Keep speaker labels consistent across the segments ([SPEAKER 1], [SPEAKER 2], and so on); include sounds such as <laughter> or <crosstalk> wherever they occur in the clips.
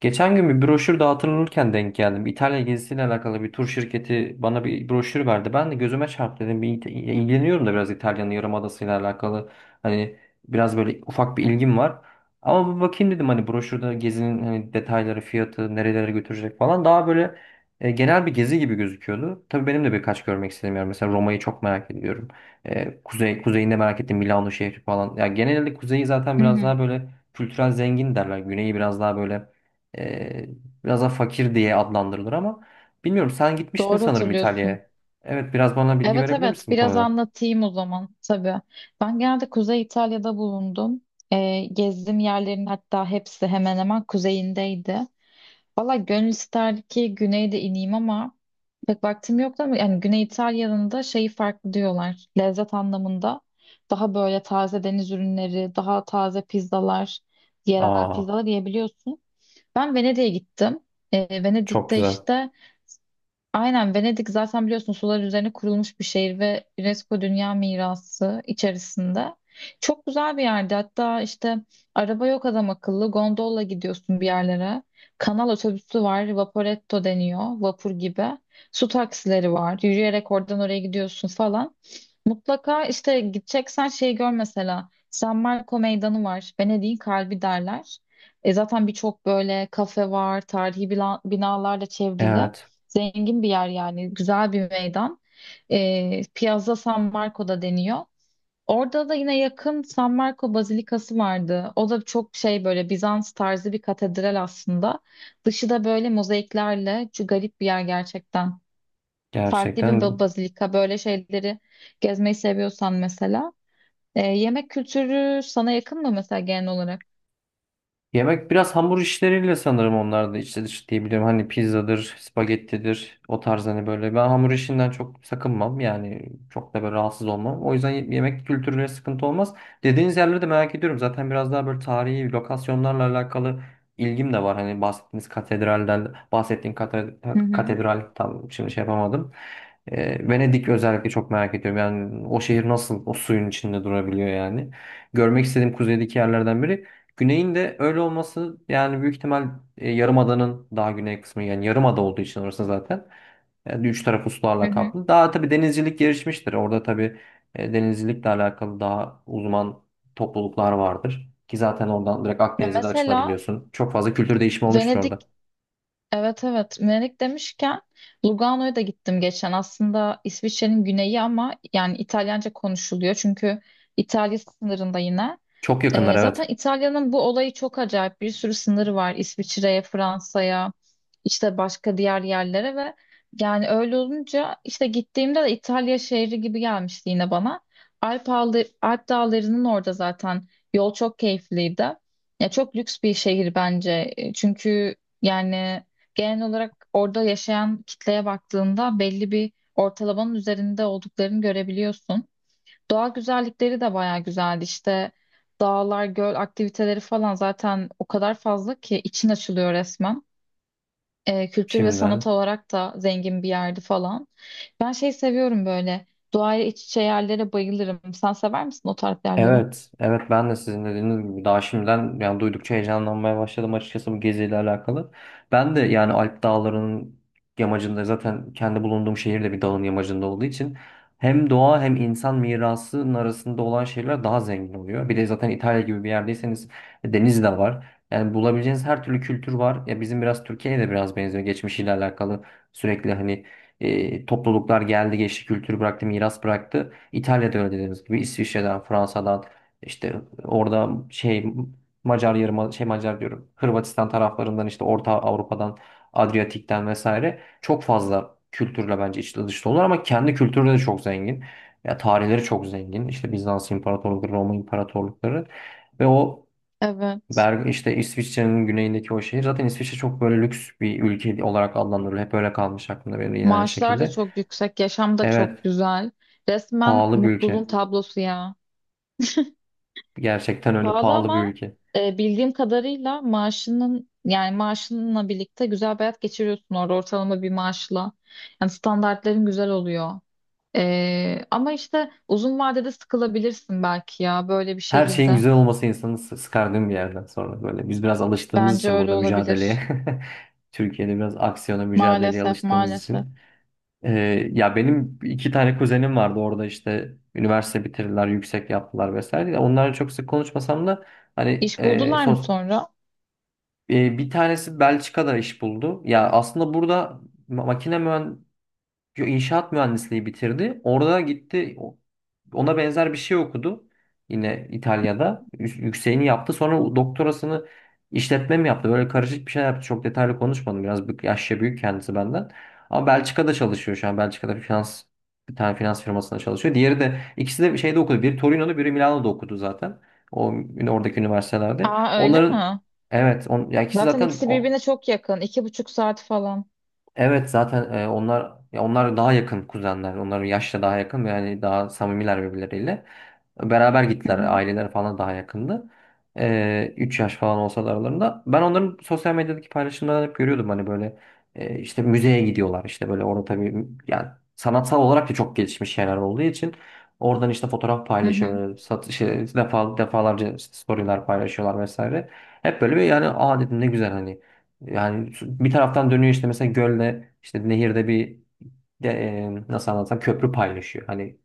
[SPEAKER 1] Geçen gün bir broşür dağıtılırken denk geldim. İtalya gezisiyle alakalı bir tur şirketi bana bir broşür verdi. Ben de gözüme çarptı dedim. İlgileniyorum da biraz İtalya'nın Yarımadası'yla alakalı. Hani biraz böyle ufak bir ilgim var. Ama bir bakayım dedim hani broşürde gezinin hani detayları, fiyatı, nerelere götürecek falan. Daha böyle genel bir gezi gibi gözüküyordu. Tabii benim de birkaç görmek istediğim yer. Mesela Roma'yı çok merak ediyorum. Kuzey, kuzeyinde merak ettim Milano şehri falan. Ya genelde kuzeyi zaten
[SPEAKER 2] Hı
[SPEAKER 1] biraz
[SPEAKER 2] hı,
[SPEAKER 1] daha böyle kültürel zengin derler. Güneyi biraz daha böyle ee, biraz da fakir diye adlandırılır ama bilmiyorum sen gitmiştin
[SPEAKER 2] doğru
[SPEAKER 1] sanırım
[SPEAKER 2] hatırlıyorsun.
[SPEAKER 1] İtalya'ya. Evet, biraz bana bilgi
[SPEAKER 2] Evet
[SPEAKER 1] verebilir
[SPEAKER 2] evet,
[SPEAKER 1] misin bu
[SPEAKER 2] biraz
[SPEAKER 1] konuda?
[SPEAKER 2] anlatayım o zaman tabii. Ben genelde Kuzey İtalya'da bulundum. Gezdiğim yerlerin hatta hepsi hemen hemen kuzeyindeydi. Valla gönül isterdi ki güneyde ineyim ama pek vaktim yoktu, ama yani Güney İtalya'nın da şeyi farklı diyorlar. Lezzet anlamında daha böyle taze deniz ürünleri, daha taze pizzalar, yerel
[SPEAKER 1] Aa,
[SPEAKER 2] pizzalar yiyebiliyorsun. Ben Venedik'e gittim.
[SPEAKER 1] çok
[SPEAKER 2] Venedik'te
[SPEAKER 1] güzel.
[SPEAKER 2] işte aynen, Venedik zaten biliyorsun sular üzerine kurulmuş bir şehir ve UNESCO Dünya Mirası içerisinde. Çok güzel bir yerdi. Hatta işte araba yok adam akıllı. Gondolla gidiyorsun bir yerlere. Kanal otobüsü var. Vaporetto deniyor. Vapur gibi. Su taksileri var. Yürüyerek oradan oraya gidiyorsun falan. Mutlaka işte gideceksen şeyi gör mesela. San Marco Meydanı var. Venedik'in kalbi derler. E zaten birçok böyle kafe var. Tarihi binalarla çevrili.
[SPEAKER 1] Evet,
[SPEAKER 2] Zengin bir yer yani. Güzel bir meydan. E, Piazza San Marco'da deniyor. Orada da yine yakın San Marco Bazilikası vardı. O da çok şey, böyle Bizans tarzı bir katedral aslında. Dışı da böyle mozaiklerle. Şu garip bir yer gerçekten, farklı bir
[SPEAKER 1] gerçekten.
[SPEAKER 2] bazilika, böyle şeyleri gezmeyi seviyorsan mesela. E, yemek kültürü sana yakın mı mesela genel olarak?
[SPEAKER 1] Yemek biraz hamur işleriyle sanırım, onlar da içli dışlı diyebilirim. Hani pizzadır, spagettidir o tarz hani böyle. Ben hamur işinden çok sakınmam yani, çok da böyle rahatsız olmam. O yüzden yemek kültürüyle sıkıntı olmaz. Dediğiniz yerleri de merak ediyorum. Zaten biraz daha böyle tarihi lokasyonlarla alakalı ilgim de var. Hani bahsettiğiniz katedralden,
[SPEAKER 2] Hı hı.
[SPEAKER 1] katedral tam şimdi şey yapamadım. Venedik özellikle çok merak ediyorum. Yani o şehir nasıl o suyun içinde durabiliyor yani. Görmek istediğim kuzeydeki yerlerden biri. Güney'in de öyle olması yani, büyük ihtimal Yarımada'nın daha güney kısmı, yani Yarımada olduğu için orası zaten yani üç tarafı
[SPEAKER 2] Hı
[SPEAKER 1] sularla
[SPEAKER 2] hı.
[SPEAKER 1] kaplı. Daha tabii denizcilik gelişmiştir. Orada tabii denizcilikle alakalı daha uzman topluluklar vardır. Ki zaten oradan direkt
[SPEAKER 2] Ya
[SPEAKER 1] Akdeniz'e de
[SPEAKER 2] mesela
[SPEAKER 1] açılabiliyorsun. Çok fazla kültür değişimi olmuştur
[SPEAKER 2] Venedik,
[SPEAKER 1] orada.
[SPEAKER 2] evet evet, Venedik demişken Lugano'ya da gittim geçen. Aslında İsviçre'nin güneyi ama yani İtalyanca konuşuluyor. Çünkü İtalya sınırında yine.
[SPEAKER 1] Çok yakınlar,
[SPEAKER 2] Zaten
[SPEAKER 1] evet.
[SPEAKER 2] İtalya'nın bu olayı çok acayip. Bir sürü sınırı var İsviçre'ye, Fransa'ya, işte başka diğer yerlere, ve yani öyle olunca işte gittiğimde de İtalya şehri gibi gelmişti yine bana. Alp dağlarının orada zaten yol çok keyifliydi. Ya çok lüks bir şehir bence. E, çünkü yani genel olarak orada yaşayan kitleye baktığında belli bir ortalamanın üzerinde olduklarını görebiliyorsun. Doğa güzellikleri de bayağı güzeldi. İşte dağlar, göl aktiviteleri falan zaten o kadar fazla ki için açılıyor resmen. Kültür ve sanat
[SPEAKER 1] Şimdiden.
[SPEAKER 2] olarak da zengin bir yerdi falan. Ben şey seviyorum böyle. Doğayla iç içe yerlere bayılırım. Sen sever misin o tarz yerleri?
[SPEAKER 1] Evet, evet, ben de sizin dediğiniz gibi daha şimdiden yani duydukça heyecanlanmaya başladım açıkçası bu geziyle alakalı. Ben de yani Alp Dağları'nın yamacında, zaten kendi bulunduğum şehir de bir dağın yamacında olduğu için hem doğa hem insan mirasının arasında olan şeyler daha zengin oluyor. Bir de zaten İtalya gibi bir yerdeyseniz deniz de var. Yani bulabileceğiniz her türlü kültür var. Ya bizim biraz Türkiye'ye de biraz benziyor geçmişiyle alakalı. Sürekli hani topluluklar geldi geçti, kültür bıraktı, miras bıraktı. İtalya'da öyle dediğimiz gibi İsviçre'den, Fransa'dan, işte orada şey, Macar yarım şey, Macar diyorum. Hırvatistan taraflarından, işte Orta Avrupa'dan, Adriyatik'ten vesaire çok fazla kültürle bence içli dışlı olur ama kendi kültürü de çok zengin. Ya tarihleri çok zengin. İşte Bizans İmparatorlukları, Roma İmparatorlukları ve o
[SPEAKER 2] Evet.
[SPEAKER 1] Berg, işte İsviçre'nin güneyindeki o şehir, zaten İsviçre çok böyle lüks bir ülke olarak adlandırılıyor. Hep öyle kalmış aklımda benim, yine aynı
[SPEAKER 2] Maaşlar da
[SPEAKER 1] şekilde.
[SPEAKER 2] çok yüksek, yaşam da çok
[SPEAKER 1] Evet,
[SPEAKER 2] güzel. Resmen
[SPEAKER 1] pahalı bir
[SPEAKER 2] mutluluğun
[SPEAKER 1] ülke.
[SPEAKER 2] tablosu ya.
[SPEAKER 1] Gerçekten öyle
[SPEAKER 2] Pahalı
[SPEAKER 1] pahalı bir
[SPEAKER 2] ama
[SPEAKER 1] ülke.
[SPEAKER 2] bildiğim kadarıyla maaşının, yani maaşınla birlikte güzel bir hayat geçiriyorsun orada ortalama bir maaşla. Yani standartların güzel oluyor. E, ama işte uzun vadede sıkılabilirsin belki ya böyle bir
[SPEAKER 1] Her şeyin
[SPEAKER 2] şehirde.
[SPEAKER 1] güzel olması insanı sıkardığım bir yerden sonra böyle. Biz biraz alıştığımız
[SPEAKER 2] Bence
[SPEAKER 1] için
[SPEAKER 2] öyle
[SPEAKER 1] burada mücadeleye.
[SPEAKER 2] olabilir.
[SPEAKER 1] <laughs> Türkiye'de biraz aksiyona, mücadeleye
[SPEAKER 2] Maalesef
[SPEAKER 1] alıştığımız
[SPEAKER 2] maalesef.
[SPEAKER 1] için. Ya benim iki tane kuzenim vardı orada, işte üniversite bitirdiler, yüksek yaptılar vesaire. Ya onlarla çok sık konuşmasam da hani
[SPEAKER 2] İş buldular mı sonra?
[SPEAKER 1] bir tanesi Belçika'da iş buldu. Ya aslında burada makine mühendisliği, inşaat mühendisliği bitirdi. Orada gitti ona benzer bir şey okudu. Yine İtalya'da. Yükseğini yaptı. Sonra doktorasını işletme mi yaptı? Böyle karışık bir şey yaptı. Çok detaylı konuşmadım. Yaşça büyük kendisi benden. Ama Belçika'da çalışıyor şu an. Belçika'da bir tane finans firmasında çalışıyor. Diğeri de, ikisi de şeyde okudu. Biri Torino'da, biri Milano'da okudu zaten. O Oradaki üniversitelerde.
[SPEAKER 2] Aa, öyle
[SPEAKER 1] Onların
[SPEAKER 2] mi?
[SPEAKER 1] evet, on, ya ikisi
[SPEAKER 2] Zaten
[SPEAKER 1] zaten
[SPEAKER 2] ikisi
[SPEAKER 1] o
[SPEAKER 2] birbirine çok yakın. 2,5 saat falan.
[SPEAKER 1] evet zaten e, onlar ya onlar daha yakın kuzenler. Onların yaşça daha yakın ve yani daha samimiler birbirleriyle. Beraber
[SPEAKER 2] Hı
[SPEAKER 1] gittiler.
[SPEAKER 2] hı.
[SPEAKER 1] Aileler falan daha yakındı. 3 yaş falan olsa da aralarında. Ben onların sosyal medyadaki paylaşımlarını hep görüyordum. Hani böyle işte müzeye gidiyorlar, işte böyle orada tabii yani sanatsal olarak da çok gelişmiş şeyler olduğu için oradan işte fotoğraf
[SPEAKER 2] Hı hı.
[SPEAKER 1] paylaşıyorlar. Satış, şey, defa, defalarca işte storyler paylaşıyorlar vesaire. Hep böyle bir yani aa dedim ne güzel hani. Yani bir taraftan dönüyor işte, mesela gölde, işte nehirde nasıl anlatsam köprü paylaşıyor. Hani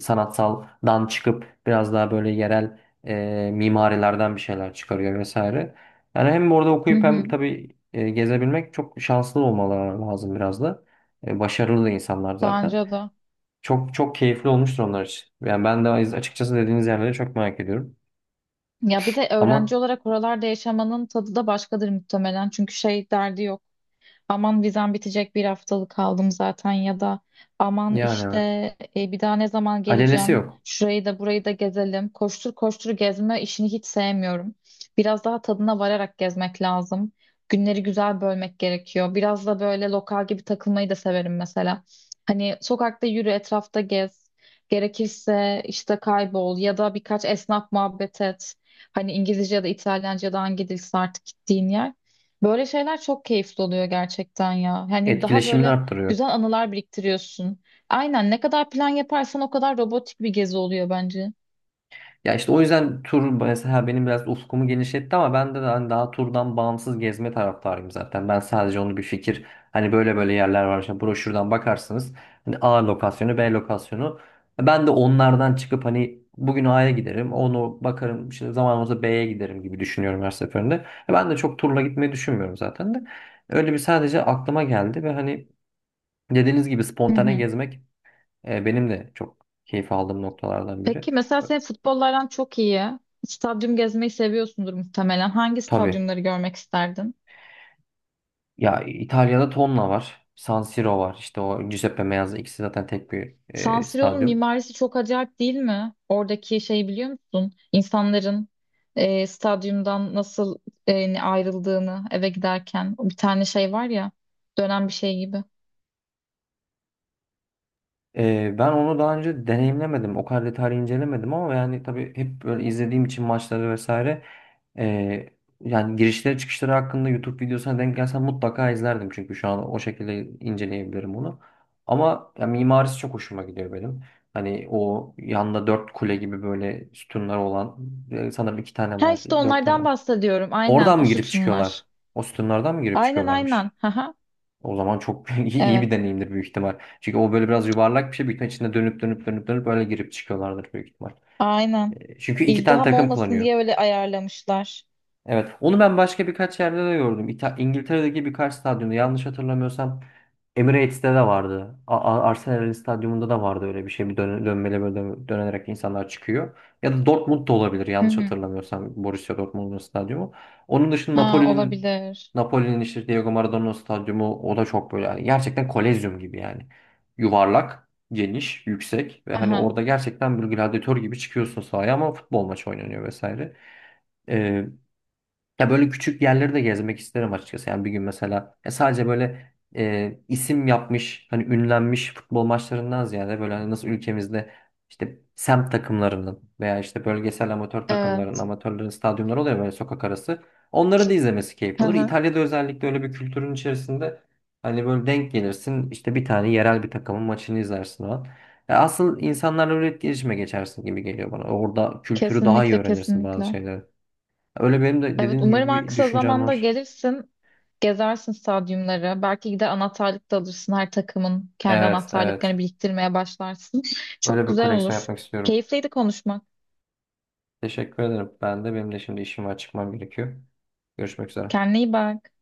[SPEAKER 1] sanatsaldan çıkıp biraz daha böyle yerel mimarilerden bir şeyler çıkarıyor vesaire. Yani hem orada
[SPEAKER 2] Hı
[SPEAKER 1] okuyup hem
[SPEAKER 2] hı.
[SPEAKER 1] tabii gezebilmek, çok şanslı olmaları lazım biraz da. Başarılı da insanlar zaten.
[SPEAKER 2] Bence de.
[SPEAKER 1] Çok çok keyifli olmuştur onlar için. Yani ben de açıkçası dediğiniz yerleri çok merak ediyorum.
[SPEAKER 2] Ya bir de öğrenci
[SPEAKER 1] Ama
[SPEAKER 2] olarak oralarda yaşamanın tadı da başkadır muhtemelen. Çünkü şey derdi yok, aman vizem bitecek bir haftalık kaldım zaten, ya da aman
[SPEAKER 1] yani
[SPEAKER 2] işte
[SPEAKER 1] evet.
[SPEAKER 2] bir daha ne zaman
[SPEAKER 1] Acelesi
[SPEAKER 2] geleceğim
[SPEAKER 1] yok.
[SPEAKER 2] şurayı da burayı da gezelim, koştur koştur gezme işini hiç sevmiyorum, biraz daha tadına vararak gezmek lazım. Günleri güzel bölmek gerekiyor, biraz da böyle lokal gibi takılmayı da severim mesela. Hani sokakta yürü, etrafta gez, gerekirse işte kaybol ya da birkaç esnaf muhabbet et. Hani İngilizce ya da İtalyanca ya da hangi dilse artık gittiğin yer. Böyle şeyler çok keyifli oluyor gerçekten ya. Hani daha
[SPEAKER 1] Etkileşimini
[SPEAKER 2] böyle
[SPEAKER 1] arttırıyor.
[SPEAKER 2] güzel anılar biriktiriyorsun. Aynen, ne kadar plan yaparsan o kadar robotik bir gezi oluyor bence.
[SPEAKER 1] Ya işte o yüzden tur mesela benim biraz ufkumu genişletti ama ben de hani daha turdan bağımsız gezme taraftarıyım zaten. Ben sadece onu bir fikir, hani böyle böyle yerler var işte, broşürden bakarsınız. Hani A lokasyonu, B lokasyonu. Ben de onlardan çıkıp hani bugün A'ya giderim, onu bakarım, işte zaman olursa B'ye giderim gibi düşünüyorum her seferinde. E, ben de çok turla gitmeyi düşünmüyorum zaten de. Öyle bir sadece aklıma geldi ve hani dediğiniz gibi
[SPEAKER 2] Hı
[SPEAKER 1] spontane
[SPEAKER 2] hı.
[SPEAKER 1] gezmek benim de çok keyif aldığım noktalardan biri.
[SPEAKER 2] Peki mesela senin futbollardan çok iyi. Stadyum gezmeyi seviyorsundur muhtemelen. Hangi
[SPEAKER 1] Tabii.
[SPEAKER 2] stadyumları görmek isterdin?
[SPEAKER 1] Ya İtalya'da tonla var. San Siro var. İşte o Giuseppe Meazza, ikisi zaten tek bir
[SPEAKER 2] San Siro'nun
[SPEAKER 1] stadyum.
[SPEAKER 2] mimarisi çok acayip değil mi? Oradaki şeyi biliyor musun? İnsanların stadyumdan nasıl ayrıldığını eve giderken. Bir tane şey var ya, dönen bir şey gibi.
[SPEAKER 1] Ben onu daha önce deneyimlemedim. O kadar detaylı incelemedim ama yani tabii hep böyle izlediğim için maçları vesaire, e, yani girişleri çıkışları hakkında YouTube videosuna denk gelsem mutlaka izlerdim. Çünkü şu an o şekilde inceleyebilirim onu. Ama ya, mimarisi çok hoşuma gidiyor benim. Hani o yanda dört kule gibi böyle sütunlar olan sanırım iki tane
[SPEAKER 2] Ha işte
[SPEAKER 1] vardı. Dört tane.
[SPEAKER 2] onlardan bahsediyorum. Aynen,
[SPEAKER 1] Oradan
[SPEAKER 2] o
[SPEAKER 1] mı girip
[SPEAKER 2] sütunlar.
[SPEAKER 1] çıkıyorlar? O sütunlardan mı girip
[SPEAKER 2] Aynen aynen.
[SPEAKER 1] çıkıyorlarmış?
[SPEAKER 2] Haha.
[SPEAKER 1] O zaman çok <laughs> iyi,
[SPEAKER 2] Evet.
[SPEAKER 1] bir deneyimdir büyük ihtimal. Çünkü o böyle biraz yuvarlak bir şey. Büyük ihtimal içinde dönüp öyle girip çıkıyorlardır büyük ihtimal.
[SPEAKER 2] Aynen.
[SPEAKER 1] Çünkü iki tane
[SPEAKER 2] İzdiham
[SPEAKER 1] takım
[SPEAKER 2] olmasın
[SPEAKER 1] kullanıyor.
[SPEAKER 2] diye öyle ayarlamışlar.
[SPEAKER 1] Evet. Onu ben başka birkaç yerde de gördüm. İngiltere'deki birkaç stadyumda, yanlış hatırlamıyorsam Emirates'te de vardı. Arsenal'in stadyumunda da vardı öyle bir şey. Bir dön dönmeli, böyle dönerek insanlar çıkıyor. Ya da Dortmund'da olabilir,
[SPEAKER 2] Hı
[SPEAKER 1] yanlış
[SPEAKER 2] hı.
[SPEAKER 1] hatırlamıyorsam Borussia Dortmund'un stadyumu. Onun dışında
[SPEAKER 2] Ha, olabilir.
[SPEAKER 1] Napoli'nin işte Diego Maradona'nın stadyumu, o da çok böyle yani gerçekten kolezyum gibi yani. Yuvarlak, geniş, yüksek ve hani
[SPEAKER 2] Haha.
[SPEAKER 1] orada gerçekten bir gladyatör gibi çıkıyorsun sahaya ama futbol maçı oynanıyor vesaire. Ya böyle küçük yerleri de gezmek isterim açıkçası. Yani bir gün mesela sadece böyle isim yapmış, hani ünlenmiş futbol maçlarından ziyade, böyle hani nasıl ülkemizde işte semt takımlarının veya işte bölgesel amatör takımların,
[SPEAKER 2] Evet.
[SPEAKER 1] amatörlerin stadyumları oluyor böyle sokak arası. Onların da izlemesi keyifli olur.
[SPEAKER 2] Haha.
[SPEAKER 1] İtalya'da özellikle öyle bir kültürün içerisinde hani böyle denk gelirsin, işte bir tane yerel bir takımın maçını izlersin o an. Asıl insanlarla öyle etkileşime geçersin gibi geliyor bana. Orada kültürü daha iyi
[SPEAKER 2] Kesinlikle
[SPEAKER 1] öğrenirsin bazı
[SPEAKER 2] kesinlikle.
[SPEAKER 1] şeyleri. Öyle benim de
[SPEAKER 2] Evet,
[SPEAKER 1] dediğiniz
[SPEAKER 2] umarım
[SPEAKER 1] gibi
[SPEAKER 2] en
[SPEAKER 1] bir
[SPEAKER 2] kısa
[SPEAKER 1] düşüncem
[SPEAKER 2] zamanda
[SPEAKER 1] var.
[SPEAKER 2] gelirsin. Gezersin stadyumları. Belki de anahtarlık da alırsın. Her takımın kendi
[SPEAKER 1] Evet, evet.
[SPEAKER 2] anahtarlıklarını biriktirmeye başlarsın. Çok
[SPEAKER 1] Öyle bir
[SPEAKER 2] güzel
[SPEAKER 1] koleksiyon
[SPEAKER 2] olur.
[SPEAKER 1] yapmak istiyorum.
[SPEAKER 2] Keyifliydi konuşmak.
[SPEAKER 1] Teşekkür ederim. Ben de, benim de şimdi işim var, çıkmam gerekiyor. Görüşmek üzere.
[SPEAKER 2] Kendine iyi bak.